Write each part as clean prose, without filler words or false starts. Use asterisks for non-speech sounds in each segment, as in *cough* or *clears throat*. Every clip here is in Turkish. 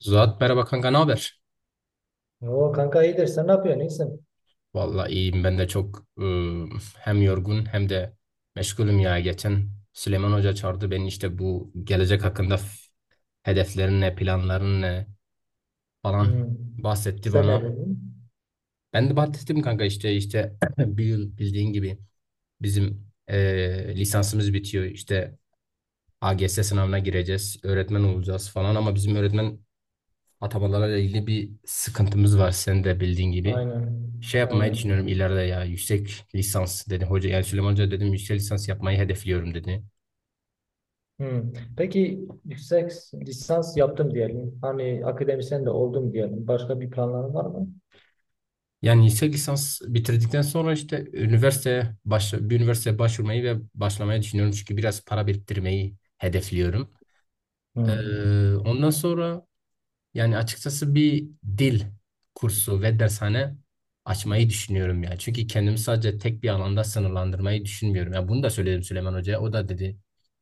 Zuhat merhaba kanka, ne haber? O kanka iyidir. Sen ne yapıyorsun? İyisin. Vallahi iyiyim, ben de çok hem yorgun hem de meşgulüm ya. Geçen Süleyman Hoca çağırdı beni, işte bu gelecek hakkında hedeflerin ne, planların ne falan Hmm. bahsetti Sen ne bana. dedin? Ben Hmm. de bahsettim kanka, işte *clears throat* bir yıl bildiğin gibi bizim lisansımız bitiyor. İşte AGS sınavına gireceğiz, öğretmen olacağız falan, ama bizim öğretmen atamalarla ilgili bir sıkıntımız var, sen de bildiğin gibi. Aynen. Şey yapmayı Aynen. düşünüyorum ileride, ya yüksek lisans dedi hoca, yani Süleyman Hoca, dedim yüksek lisans yapmayı hedefliyorum dedi. Hmm. Peki, yüksek lisans yaptım diyelim. Hani akademisyen de oldum diyelim. Başka bir planların var mı? Yani yüksek lisans bitirdikten sonra, işte üniversiteye bir üniversiteye başvurmayı ve başlamayı düşünüyorum, çünkü biraz para biriktirmeyi hedefliyorum. Hmm. Ondan sonra, yani açıkçası bir dil kursu ve dershane açmayı düşünüyorum ya. Çünkü kendimi sadece tek bir alanda sınırlandırmayı düşünmüyorum. Ya bunu da söyledim Süleyman Hoca'ya. O da dedi,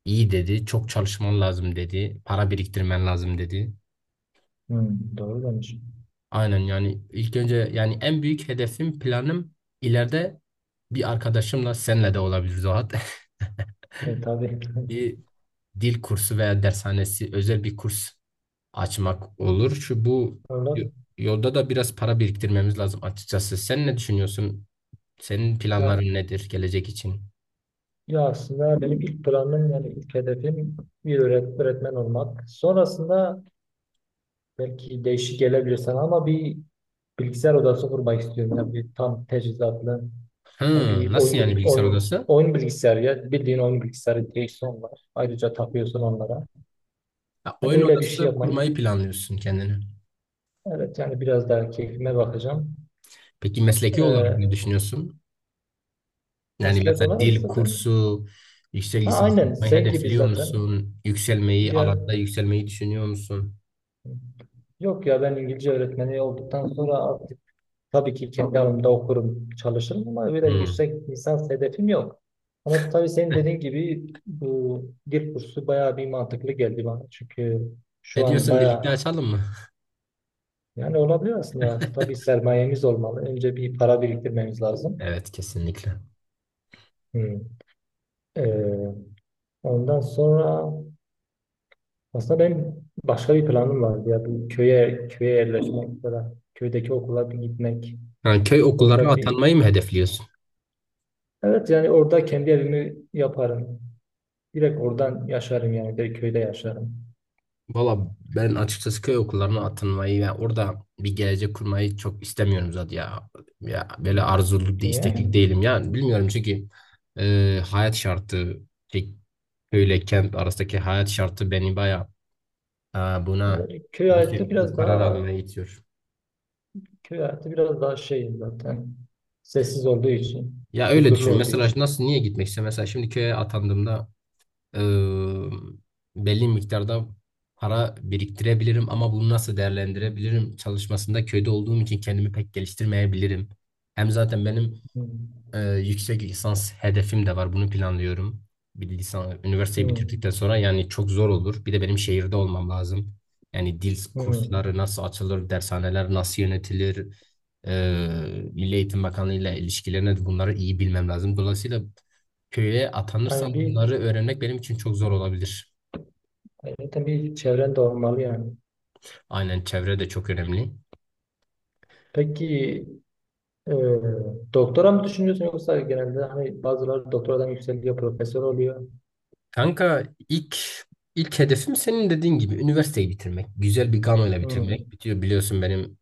iyi dedi, çok çalışman lazım dedi, para biriktirmen lazım dedi. Hmm. Doğru demiş. Aynen, yani ilk önce yani en büyük hedefim, planım ileride bir arkadaşımla, senle de olabilir Zuhat. E tabii. *laughs* *laughs* Bir dil kursu veya dershanesi, özel bir kurs açmak olur. Şu bu Orada. y- yolda da biraz para biriktirmemiz lazım açıkçası. Sen ne düşünüyorsun? Senin ya, planların nedir gelecek için? ya aslında benim ilk planım, yani ilk hedefim bir öğretmen olmak. Sonrasında belki değişik gelebilir sana, ama bir bilgisayar odası kurmak istiyorum. Yani bir tam teçhizatlı. Yani Hı, bir nasıl oyun, yani bil- bilgisayar oyun, odası? oyun bilgisayarı ya. Bildiğin oyun bilgisayarı, direksiyon var. Ayrıca takıyorsun onlara. Ha, Hani oyun öyle bir şey odası yapmayı. kurmayı planlıyorsun kendine. Evet, yani biraz daha keyfime bakacağım. Peki mesleki olarak ne Ee, düşünüyorsun? Yani Meslek mesela olarak dil zaten. kursu, yüksek Ha, lisans aynen yapmayı sen gibi hedefliyor zaten. musun? Yükselmeyi, Bir, alanda yükselmeyi düşünüyor musun? yok ya, ben İngilizce öğretmeni olduktan sonra tabii ki kendi alanımda okurum, çalışırım, ama öyle Hı. yüksek lisans hedefim yok. Ama tabii senin dediğin gibi bu dil kursu bayağı bir mantıklı geldi bana. Çünkü şu Ne an diyorsun, birlikte bayağı, açalım mı? yani olabilir aslında. Tabii sermayemiz olmalı. Önce bir para biriktirmemiz lazım. Evet, kesinlikle. Hmm. Ee, Ondan sonra aslında benim başka bir planım vardı ya, bir köye yerleşmek falan. Köydeki okula bir gitmek. Ha, köy okullarına Orada bir, atanmayı mı hedefliyorsun? evet, yani orada kendi evimi yaparım. Direkt oradan yaşarım yani. Direkt köyde yaşarım. Valla ben açıkçası köy okullarına atılmayı ve orada bir gelecek kurmayı çok istemiyorum zaten ya. Ya böyle Hmm. arzulu, Niye? istekli değilim. Yani bilmiyorum, çünkü hayat şartı, şey, köyle kent arasındaki hayat şartı beni baya buna, Yani köy hayatı bu biraz karar daha almaya itiyor. köy hayatı biraz daha şey zaten. Sessiz olduğu için. Ya öyle Huzurlu düşün. olduğu Mesela için. nasıl, niye gitmek istiyorum? Mesela şimdi köye atandığımda e, belli miktarda para biriktirebilirim, ama bunu nasıl değerlendirebilirim çalışmasında köyde olduğum için kendimi pek geliştirmeyebilirim. Hem zaten benim Hmm. ee, yüksek lisans hedefim de var. Bunu planlıyorum. Bir de üniversiteyi bitirdikten Hmm. sonra yani çok zor olur. Bir de benim şehirde olmam lazım. Yani dil Hmm. kursları nasıl açılır, dershaneler nasıl yönetilir, Milli Eğitim Bakanlığı ile ilişkilerine de bunları iyi bilmem lazım. Dolayısıyla köye atanırsam Yani bir, bunları öğrenmek benim için çok zor olabilir. yani zaten bir çevren de olmalı yani. Aynen, çevre de çok önemli. Peki, e, doktora mı düşünüyorsun, yoksa genelde hani bazıları doktoradan yükseliyor, profesör oluyor. Kanka, ilk ilk hedefim senin dediğin gibi üniversiteyi bitirmek. Güzel bir ganoyla ile Hmm. bitirmek. Bitiyor, biliyorsun benim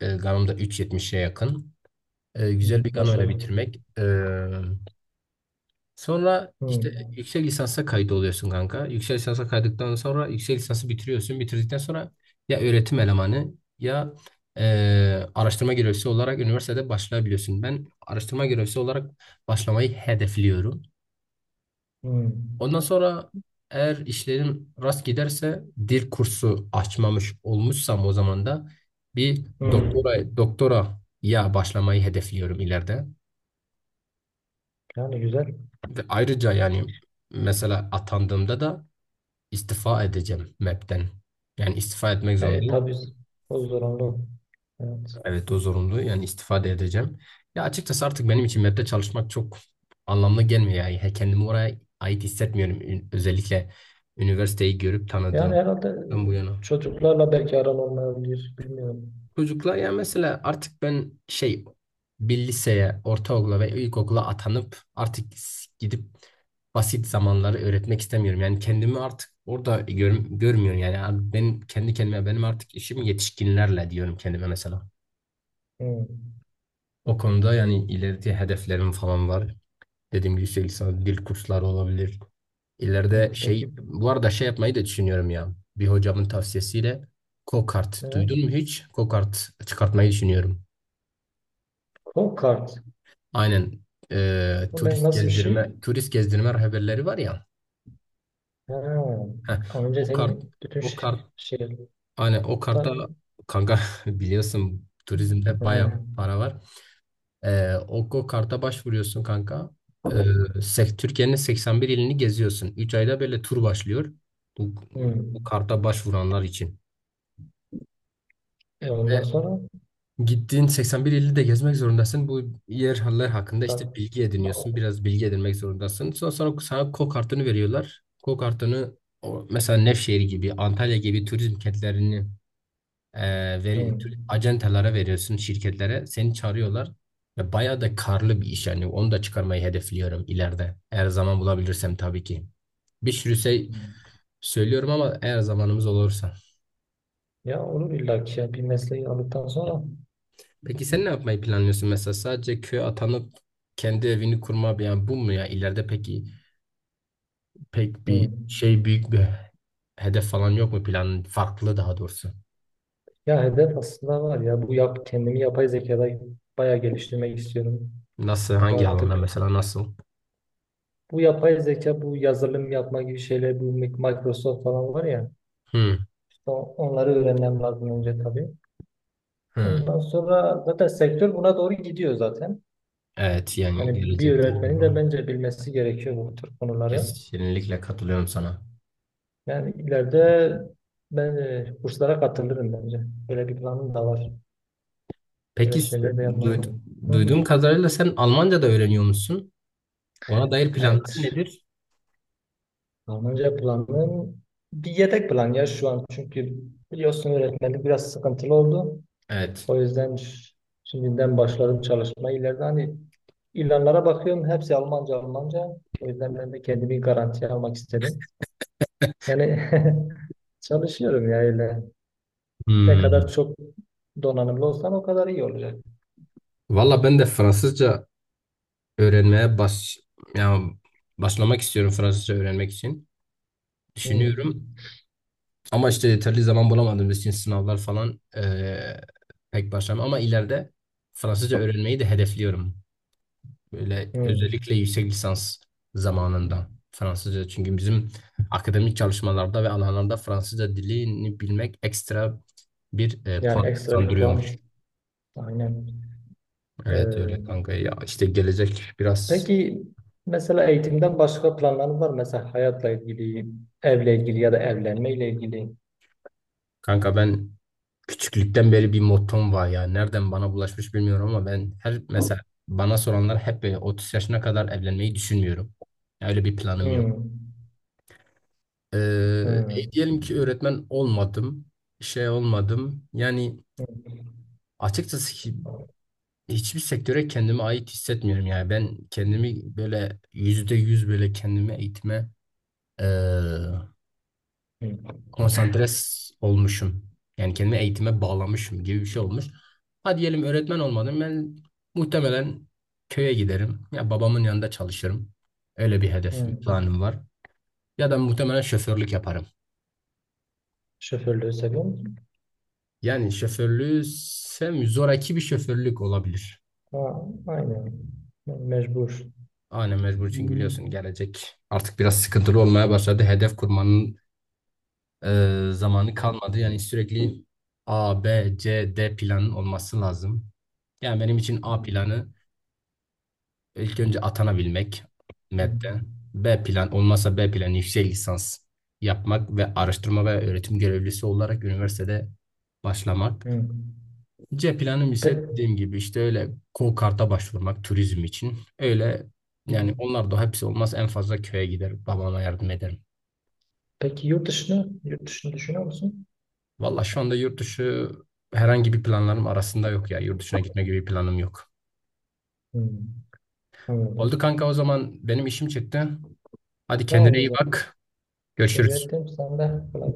ganom da 3.70'e yakın. Güzel Hmm. bir ganoyla ile Maşallah. bitirmek. Sonra işte Hmm. yüksek lisansa kayıt oluyorsun kanka. Yüksek lisansa kaydıktan sonra yüksek lisansı bitiriyorsun. Bitirdikten sonra ya öğretim elemanı ya e, araştırma görevlisi olarak üniversitede başlayabiliyorsun. Ben araştırma görevlisi olarak başlamayı hedefliyorum. Hmm. Ondan sonra, eğer işlerim rast giderse dil kursu açmamış olmuşsam, o zaman da bir Hmm. doktora ya başlamayı hedefliyorum ileride. Yani güzel. Ve ayrıca yani, mesela atandığımda da istifa edeceğim MEB'den. Yani istifa etmek E, zorundayım. tabii o zorunlu. Evet. Evet, o zorunlu. Yani istifa da edeceğim. Ya açıkçası artık benim için MEB'de çalışmak çok anlamlı gelmiyor. Yani, kendimi oraya ait hissetmiyorum. Özellikle üniversiteyi görüp Yani tanıdığım herhalde bu yana. çocuklarla belki aran olmayabilir. Bilmiyorum. Çocuklar ya, mesela artık ben şey, bir liseye, ortaokula ve ilkokula atanıp artık gidip basit zamanları öğretmek istemiyorum. Yani kendimi artık orada görmüyorum. Yani abi, benim kendi kendime benim artık işim yetişkinlerle diyorum kendime mesela. Hı. O konuda yani ileride hedeflerim falan var. Dediğim gibi, yüksek lisans, dil kursları olabilir. Hı. İleride Peki, şey, bu arada şey yapmayı da düşünüyorum ya. Bir hocamın tavsiyesiyle e, go-kart duydun mu hiç? Go-kart çıkartmayı düşünüyorum. Call Card. Aynen, Bu ne, turist nasıl bir gezdirme şey? turist gezdirme rehberleri var ya. Ha. Heh, Ama önce o kart senin bütün o kart şey, aynen o ta, karta kanka *laughs* biliyorsun turizmde hı. bayağı para var. O karta başvuruyorsun kanka. Eee, Türkiye'nin 81 ilini geziyorsun. Üç ayda böyle tur başlıyor. Bu, Hı. bu karta başvuranlar için. E, Ve ondan sonra gittiğin 81 ili de gezmek zorundasın. Bu yerler hakkında ta, işte bilgi ediniyorsun. Biraz bilgi edinmek zorundasın. Sonra sana KO kartını veriyorlar. KO kartını, mesela Nevşehir gibi, Antalya gibi turizm kentlerini e, hı. Acentalara veriyorsun, şirketlere. Seni çağırıyorlar. Ve bayağı da karlı bir iş yani. Onu da çıkarmayı hedefliyorum ileride. Eğer zaman bulabilirsem tabii ki. Bir sürü şey Hı. söylüyorum ama, eğer zamanımız olursa. Ya olur illa ki ya, bir mesleği aldıktan sonra. Peki sen ne yapmayı planlıyorsun mesela? Sadece köye atanıp kendi evini kurma, yani bu mu ya ileride? Peki pek bir Hı. şey, büyük bir hedef falan yok mu, planın farklı daha doğrusu? Ya hedef aslında var ya, bu yap, kendimi yapay zekada bayağı geliştirmek istiyorum. Nasıl, Çünkü hangi alanda artık mesela? Nasıl? bu yapay zeka, bu yazılım yapma gibi şeyler, bu Microsoft falan var ya, Hı işte onları öğrenmem lazım önce tabii. hı. Ondan sonra zaten sektör buna doğru gidiyor zaten. Evet, yani Yani bir gelecekte öğretmenin de umarım. bence bilmesi gerekiyor bu tür konuları. Kesinlikle katılıyorum sana. Yani ileride ben, kurslara katılırım bence. Böyle bir planım da var. Böyle Peki, şeyler de yapmayı. Hı. duyduğum kadarıyla sen Almanca da öğreniyor musun? Ona dair planlar Evet. nedir? Almanca planım bir yedek plan ya şu an. Çünkü biliyorsun, öğretmenlik biraz sıkıntılı oldu. Evet. O yüzden şimdiden başladım çalışmaya. İleride hani ilanlara bakıyorum, hepsi Almanca, Almanca. O yüzden ben de kendimi garantiye almak istedim. Yani *laughs* çalışıyorum ya öyle. Ne kadar Hmm. çok donanımlı olsam o kadar iyi olacak. Valla ben de Fransızca öğrenmeye yani başlamak istiyorum Fransızca öğrenmek için. Hmm. Düşünüyorum, ama işte yeterli zaman bulamadığımız için sınavlar falan, pek başlamam, ama ileride Fransızca öğrenmeyi de hedefliyorum. Böyle Hmm. özellikle yüksek lisans zamanında Fransızca, çünkü bizim akademik çalışmalarda ve alanlarda Fransızca dilini bilmek ekstra bir Yani puan ekstra bir kazandırıyormuş. puan. Aynen. Evet Ee, öyle kanka ya, işte gelecek biraz. Peki, mesela eğitimden başka planların var mı? Mesela hayatla ilgili, evle ilgili ya da evlenmeyle ilgili. Kanka ben küçüklükten beri bir mottom var ya. Nereden bana bulaşmış bilmiyorum ama ben her mesela bana soranlar hep böyle 30 yaşına kadar evlenmeyi düşünmüyorum. Öyle bir planım yok. Hmm. Ee, diyelim ki Hmm. öğretmen olmadım, şey olmadım. Yani Hmm. açıkçası, hiçbir sektöre kendime ait hissetmiyorum yani. Ben kendimi böyle yüzde yüz, böyle kendimi eğitime ee, Hmm. konsantre olmuşum. Yani kendimi eğitime bağlamışım gibi bir şey olmuş. Hadi diyelim öğretmen olmadım. Ben muhtemelen köye giderim. Ya babamın yanında çalışırım. Öyle bir hedefim, Hmm. planım var. Ya da muhtemelen şoförlük yaparım. Şoförlüğü seviyor musun? Yani şoförlüğü sevmiyorum. Zoraki bir şoförlük olabilir. Ha, aynen. Mecbur. Aynen, mecbur, çünkü biliyorsun gelecek artık biraz sıkıntılı olmaya başladı. Hedef kurmanın zamanı kalmadı. Yani sürekli A, B, C, D planın olması lazım. Yani benim için A Hmm. planı, İlk önce atanabilmek MEP'te. B plan olmazsa, B plan yüksek lisans yapmak ve araştırma ve öğretim görevlisi olarak üniversitede başlamak. Hmm. C planım ise Pe- dediğim gibi işte, öyle KOKART'a başvurmak turizm için. Öyle yani, hmm. onlar da hepsi olmaz, en fazla köye gider, babama yardım ederim. Peki, yurt dışını düşünüyor musun? Valla şu anda yurt dışı herhangi bir planlarım arasında yok ya. Yurt dışına gitme gibi bir planım yok. Hmm. Oldu Anladım. kanka, o zaman benim işim çıktı. Hadi, Tamam, kendine o iyi zaman. bak. Teşekkür Görüşürüz. ettim. Sen de kolay